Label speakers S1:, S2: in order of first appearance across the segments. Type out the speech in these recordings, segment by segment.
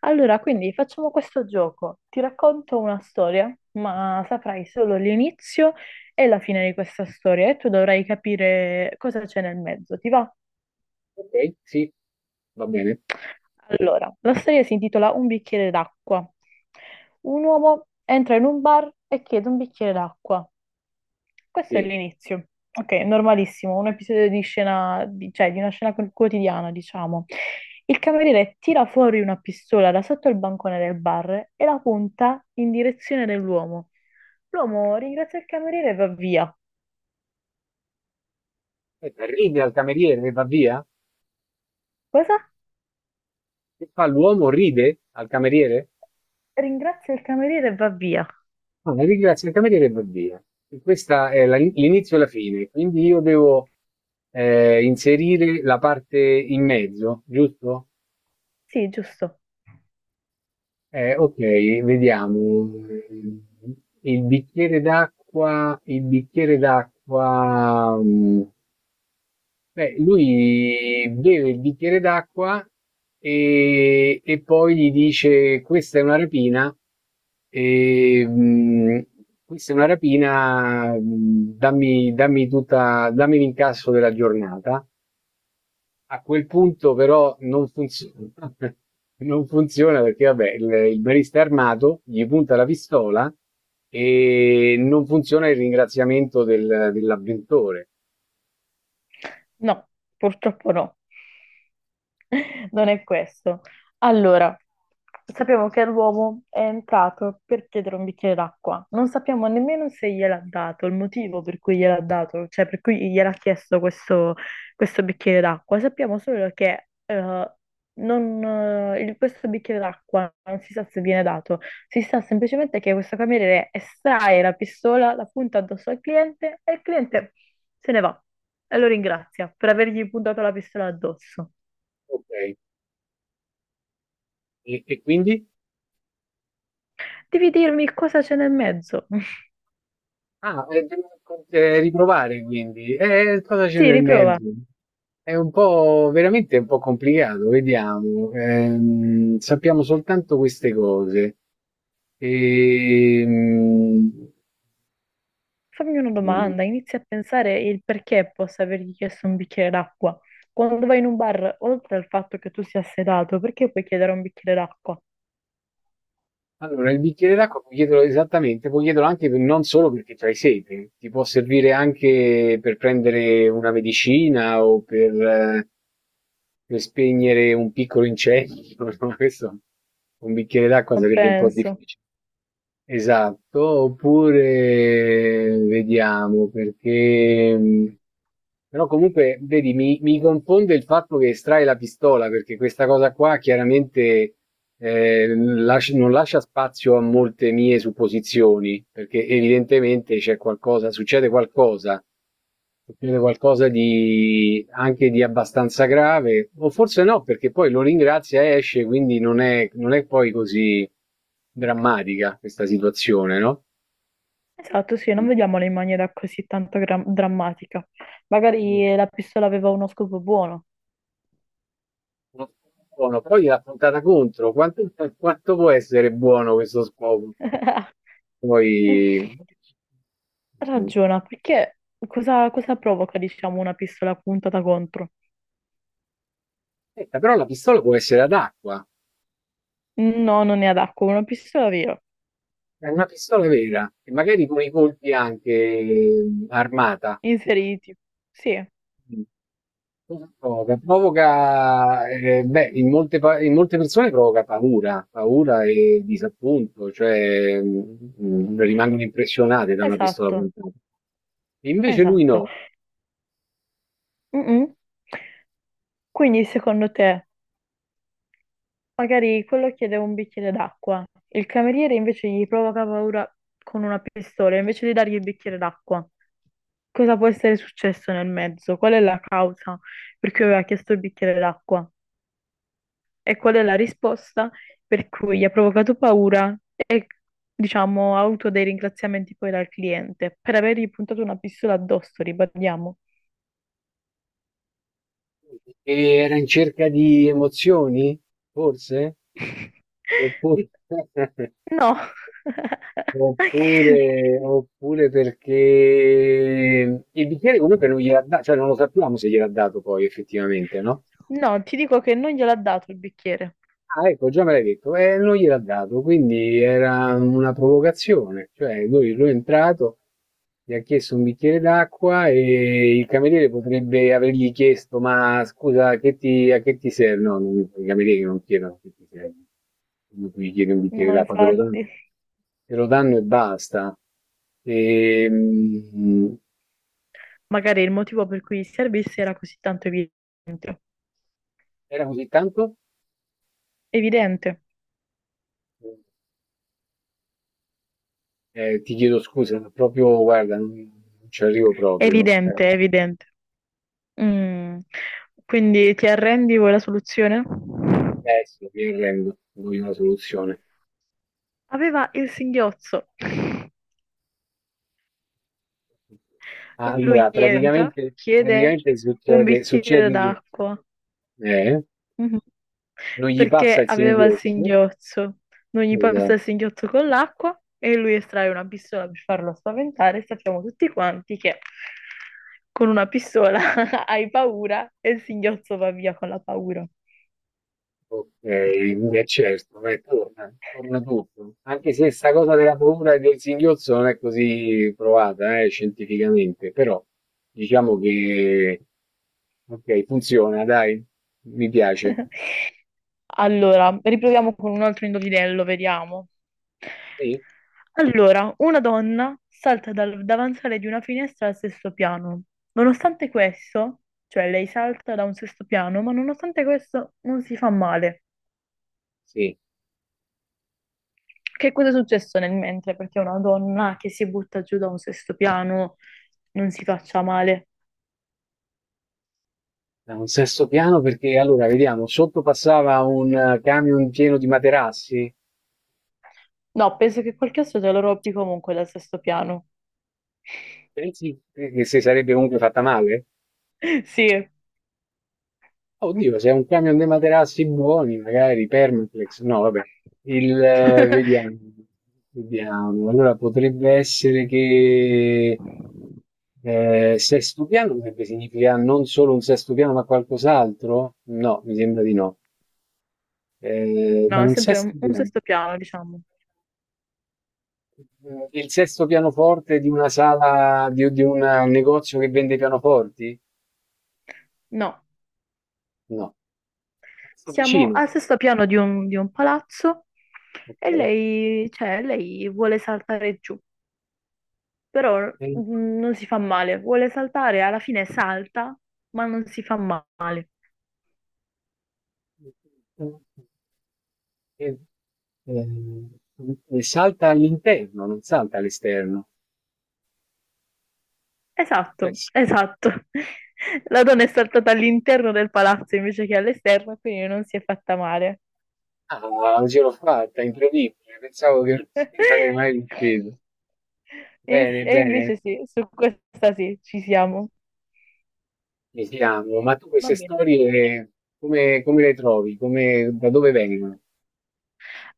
S1: Allora, quindi facciamo questo gioco. Ti racconto una storia, ma saprai solo l'inizio e la fine di questa storia e tu dovrai capire cosa c'è nel mezzo. Ti va?
S2: Ok, sì, va bene.
S1: Allora, la storia si intitola Un bicchiere d'acqua. Un uomo entra in un bar e chiede un bicchiere d'acqua. Questo è
S2: Sì.
S1: l'inizio. Ok, normalissimo, un episodio di scena, cioè di una scena quotidiana, diciamo. Il cameriere tira fuori una pistola da sotto il bancone del bar e la punta in direzione dell'uomo. L'uomo ringrazia il cameriere e va via.
S2: Aspetta, ride al cameriere e va via?
S1: Cosa?
S2: Che fa l'uomo? Ride al cameriere?
S1: Ringrazia il cameriere e va via.
S2: Ah, ringrazia il cameriere e va via. E questa è l'inizio e la fine, quindi io devo inserire la parte in mezzo, giusto?
S1: Sì, giusto.
S2: Ok, vediamo. Il bicchiere d'acqua, il bicchiere d'acqua. Beh, lui beve il bicchiere d'acqua e poi gli dice: Questa è una rapina, e, mm, questa è una rapina, dammi l'incasso della giornata. A quel punto, però, non funziona. Non funziona perché, vabbè, il barista è armato, gli punta la pistola e non funziona il ringraziamento dell'avventore.
S1: No, purtroppo no. non è questo. Allora, sappiamo che l'uomo è entrato per chiedere un bicchiere d'acqua. Non sappiamo nemmeno se gliel'ha dato, il motivo per cui gliel'ha dato, cioè per cui gliel'ha chiesto questo, questo bicchiere d'acqua. Sappiamo solo che non, il- questo bicchiere d'acqua non si sa se viene dato, si sa semplicemente che questo cameriere estrae la pistola, la punta addosso al cliente e il cliente se ne va e lo ringrazia per avergli puntato la pistola addosso.
S2: Ok, e quindi?
S1: Devi dirmi cosa c'è nel mezzo.
S2: Ah, e devo riprovare quindi. E cosa c'è
S1: Sì,
S2: nel
S1: riprova.
S2: mezzo? È un po' veramente un po' complicato, vediamo. Sappiamo soltanto queste cose. Ehm,
S1: Fammi una domanda, inizia a pensare il perché possa avergli chiesto un bicchiere d'acqua. Quando vai in un bar, oltre al fatto che tu sia sedato, perché puoi chiedere un bicchiere d'acqua?
S2: allora, il bicchiere d'acqua puoi chiederlo esattamente, puoi chiederlo anche non solo perché c'hai sete, ti può servire anche per prendere una medicina o per spegnere un piccolo incendio. No? Questo, un bicchiere d'acqua
S1: Non
S2: sarebbe un po'
S1: penso.
S2: difficile. Esatto, oppure vediamo perché... però comunque, vedi, mi confonde il fatto che estrai la pistola, perché questa cosa qua chiaramente non lascia spazio a molte mie supposizioni, perché evidentemente c'è qualcosa, succede qualcosa, succede qualcosa di anche di abbastanza grave, o forse no, perché poi lo ringrazia e esce, quindi non è poi così drammatica questa situazione, no?
S1: Esatto, sì, non vediamola in maniera così tanto drammatica. Magari la pistola aveva uno scopo buono.
S2: Buono. Poi l'ha puntata contro, quanto, quanto può essere buono questo scopo? Poi
S1: Ragiona, perché cosa provoca, diciamo, una pistola puntata contro?
S2: aspetta, però la pistola può essere ad acqua,
S1: No, non è ad acqua, una pistola vera.
S2: è una pistola vera, e magari con i colpi anche armata.
S1: Inseriti. Sì.
S2: Mm. Cosa provoca, provoca beh, in molte, in molte persone provoca paura, paura e disappunto, cioè rimangono impressionate da una pistola
S1: Esatto,
S2: puntata. E invece lui
S1: esatto.
S2: no,
S1: Mm-mm. Quindi secondo te, magari quello chiede un bicchiere d'acqua, il cameriere invece gli provoca paura con una pistola, invece di dargli il bicchiere d'acqua, cosa può essere successo nel mezzo? Qual è la causa per cui aveva chiesto il bicchiere d'acqua? E qual è la risposta per cui gli ha provocato paura e, diciamo, ha avuto dei ringraziamenti poi dal cliente per avergli puntato una pistola addosso, ribadiamo.
S2: perché era in cerca di emozioni, forse? Oppure...
S1: No.
S2: Oppure, oppure perché il bicchiere comunque non gliel'ha dato, cioè non lo sappiamo se gliel'ha dato poi effettivamente, no?
S1: No, ti dico che non gliel'ha dato il bicchiere.
S2: Ah, ecco, già me l'hai detto, non gliel'ha dato, quindi era una provocazione, cioè lui è entrato, gli ha chiesto un bicchiere d'acqua e il cameriere potrebbe avergli chiesto, ma scusa, a che ti serve? I camerieri non chiedono che ti serve, quando tu gli chiedi un bicchiere
S1: No,
S2: d'acqua,
S1: infatti.
S2: te lo danno e basta. Ehm,
S1: Magari il motivo per cui servisse era così tanto evidente.
S2: era così tanto?
S1: Evidente,
S2: Ti chiedo scusa, ma proprio, guarda, non ci arrivo proprio. No?
S1: evidente, evidente. Mm. Quindi ti arrendi, vuoi la soluzione?
S2: Beh, sì, mi arrendo, voglio una soluzione.
S1: Aveva il singhiozzo. Lui
S2: Allora,
S1: entra,
S2: praticamente,
S1: chiede
S2: praticamente
S1: un
S2: succede,
S1: bicchiere
S2: succede che
S1: d'acqua.
S2: eh,
S1: Mhm.
S2: non gli
S1: Perché
S2: passa il
S1: aveva il
S2: singhiozzo,
S1: singhiozzo. Non gli passa
S2: esatto.
S1: il singhiozzo con l'acqua e lui estrae una pistola per farlo spaventare. Sappiamo tutti quanti che con una pistola hai paura e il singhiozzo va via con la paura.
S2: Ok, è certo, beh, torna, torna tutto. Anche se sta cosa della paura e del singhiozzo non è così provata, scientificamente, però diciamo che ok, funziona, dai, mi piace.
S1: Allora, riproviamo con un altro indovinello, vediamo.
S2: Sì,
S1: Allora, una donna salta dal davanzale di una finestra al sesto piano. Nonostante questo, cioè lei salta da un sesto piano, ma nonostante questo non si fa male.
S2: sì,
S1: Che cosa è successo nel mentre? Perché una donna che si butta giù da un sesto piano non si faccia male.
S2: da un sesto piano perché allora vediamo, sotto passava un camion pieno di materassi,
S1: No, penso che qualche altro te lo rompi comunque dal sesto piano.
S2: pensi che si sarebbe comunque fatta male?
S1: Sì.
S2: Oddio, se è un camion dei materassi buoni, magari Permaflex, no, vabbè, vediamo, vediamo, allora potrebbe essere che sesto piano potrebbe significare non solo un sesto piano ma qualcos'altro? No, mi sembra di no. Da
S1: No, è
S2: un
S1: sempre
S2: sesto
S1: un
S2: piano,
S1: sesto piano, diciamo.
S2: eh, il sesto pianoforte di una sala, un negozio che vende pianoforti?
S1: No,
S2: No, sto
S1: siamo
S2: vicino,
S1: al sesto piano di un palazzo e
S2: ok.
S1: lei, cioè, lei vuole saltare giù, però
S2: Eh,
S1: non si fa male. Vuole saltare, alla fine salta, ma non si fa male.
S2: eh, E, ehm, e salta all'interno, non salta all'esterno. Cioè,
S1: Esatto, esatto. La donna è saltata all'interno del palazzo invece che all'esterno, quindi non si è fatta male.
S2: ah, ce l'ho fatta, incredibile. Pensavo che non ci sarei mai riuscito.
S1: E,
S2: Bene,
S1: e
S2: bene,
S1: invece sì, su questa sì, ci siamo.
S2: mi fiamo. Ma tu
S1: Va
S2: queste
S1: bene.
S2: storie come, come le trovi? Come, da dove vengono?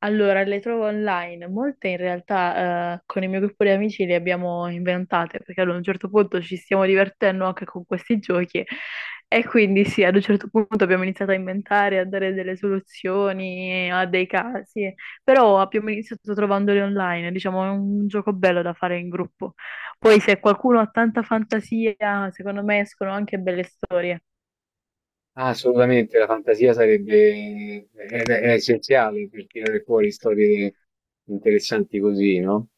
S1: Allora, le trovo online. Molte in realtà con il mio gruppo di amici le abbiamo inventate perché ad un certo punto ci stiamo divertendo anche con questi giochi e quindi sì, ad un certo punto abbiamo iniziato a inventare, a dare delle soluzioni a dei casi, però abbiamo iniziato trovandoli online. Diciamo, è un gioco bello da fare in gruppo. Poi se qualcuno ha tanta fantasia, secondo me escono anche belle storie.
S2: Ah, assolutamente, la fantasia sarebbe è essenziale per tirare fuori storie interessanti così, no?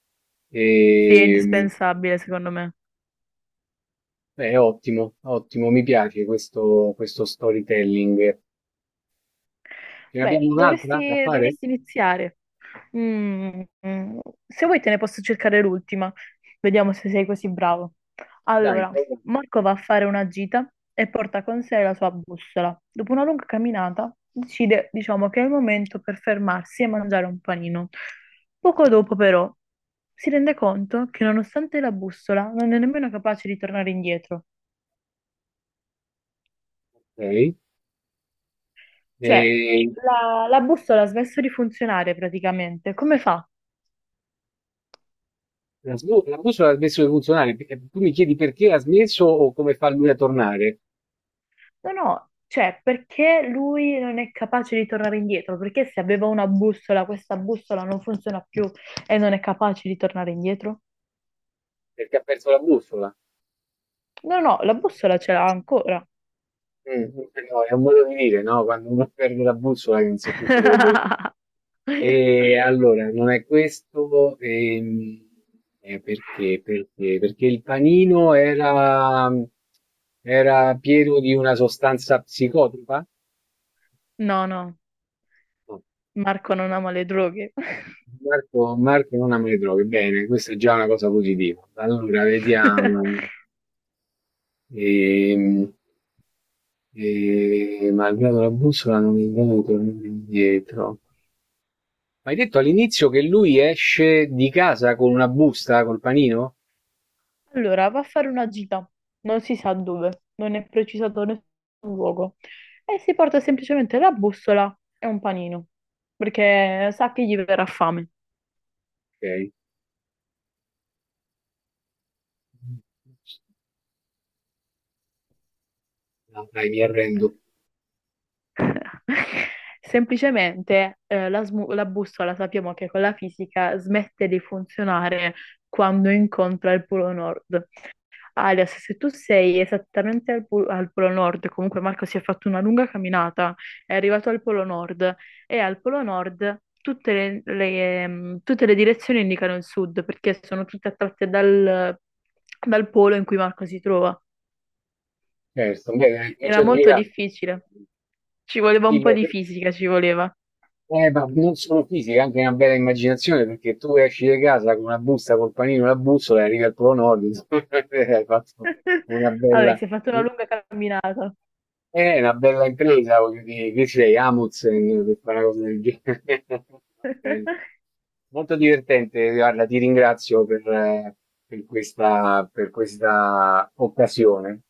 S1: Sì, è
S2: E,
S1: indispensabile, secondo me.
S2: beh, ottimo, ottimo, mi piace questo, questo storytelling. Ce ne
S1: Beh,
S2: abbiamo un'altra da
S1: dovresti,
S2: fare?
S1: dovresti iniziare. Mm, mm. Se vuoi te ne posso cercare l'ultima. Vediamo se sei così bravo.
S2: Dai,
S1: Allora,
S2: proviamo.
S1: Marco va a fare una gita e porta con sé la sua bussola. Dopo una lunga camminata, decide, diciamo, che è il momento per fermarsi e mangiare un panino. Poco dopo, però, si rende conto che nonostante la bussola non è nemmeno capace di tornare indietro.
S2: Ok.
S1: Cioè,
S2: E
S1: la bussola ha smesso di funzionare praticamente. Come fa?
S2: la bussola ha smesso di funzionare. Perché tu mi chiedi perché ha smesso o come fa lui a tornare?
S1: No, no, cioè perché lui non è capace di tornare indietro? Perché se aveva una bussola, questa bussola non funziona più e non è capace di tornare indietro?
S2: Perché ha perso la bussola.
S1: No, no, la bussola ce l'ha ancora.
S2: Mh, eh no, è un modo di dire, no, quando uno perde la bussola che non sa più quello che deve fare. E allora, non è questo, perché perché il panino era era pieno di una sostanza psicotropa?
S1: No, no,
S2: No.
S1: Marco non ama le droghe.
S2: Marco non ha me le droghe. Bene, questa è già una cosa positiva. Allora, vediamo. Ehm, malgrado la bussola non è in grado di tornare indietro. Ma hai detto all'inizio che lui esce di casa con una busta col panino?
S1: Allora, va a fare una gita, non si sa dove, non è precisato nessun luogo. E si porta semplicemente la bussola e un panino, perché sa che gli verrà fame.
S2: Ok, no, dai, mi arrendo.
S1: Semplicemente la bussola sappiamo che con la fisica smette di funzionare quando incontra il polo nord. Alias, se tu sei esattamente al polo nord, comunque Marco si è fatto una lunga camminata, è arrivato al polo nord e al polo nord tutte tutte le direzioni indicano il sud perché sono tutte attratte dal, dal polo in cui Marco si trova.
S2: Certo, beh,
S1: Era
S2: comincia a
S1: molto
S2: girare.
S1: difficile, ci voleva
S2: Sì,
S1: un po'
S2: beh,
S1: di fisica, ci voleva.
S2: ma non solo fisica, anche una bella immaginazione, perché tu esci di casa con una busta col panino e la bussola e arrivi al Polo Nord, insomma, hai fatto una
S1: Vabbè,
S2: bella...
S1: si è fatto una lunga camminata.
S2: È una bella impresa, voglio dire, chi sei? Amundsen per fare una cosa del genere. Va bene. Molto divertente, guarda, ti ringrazio per questa occasione.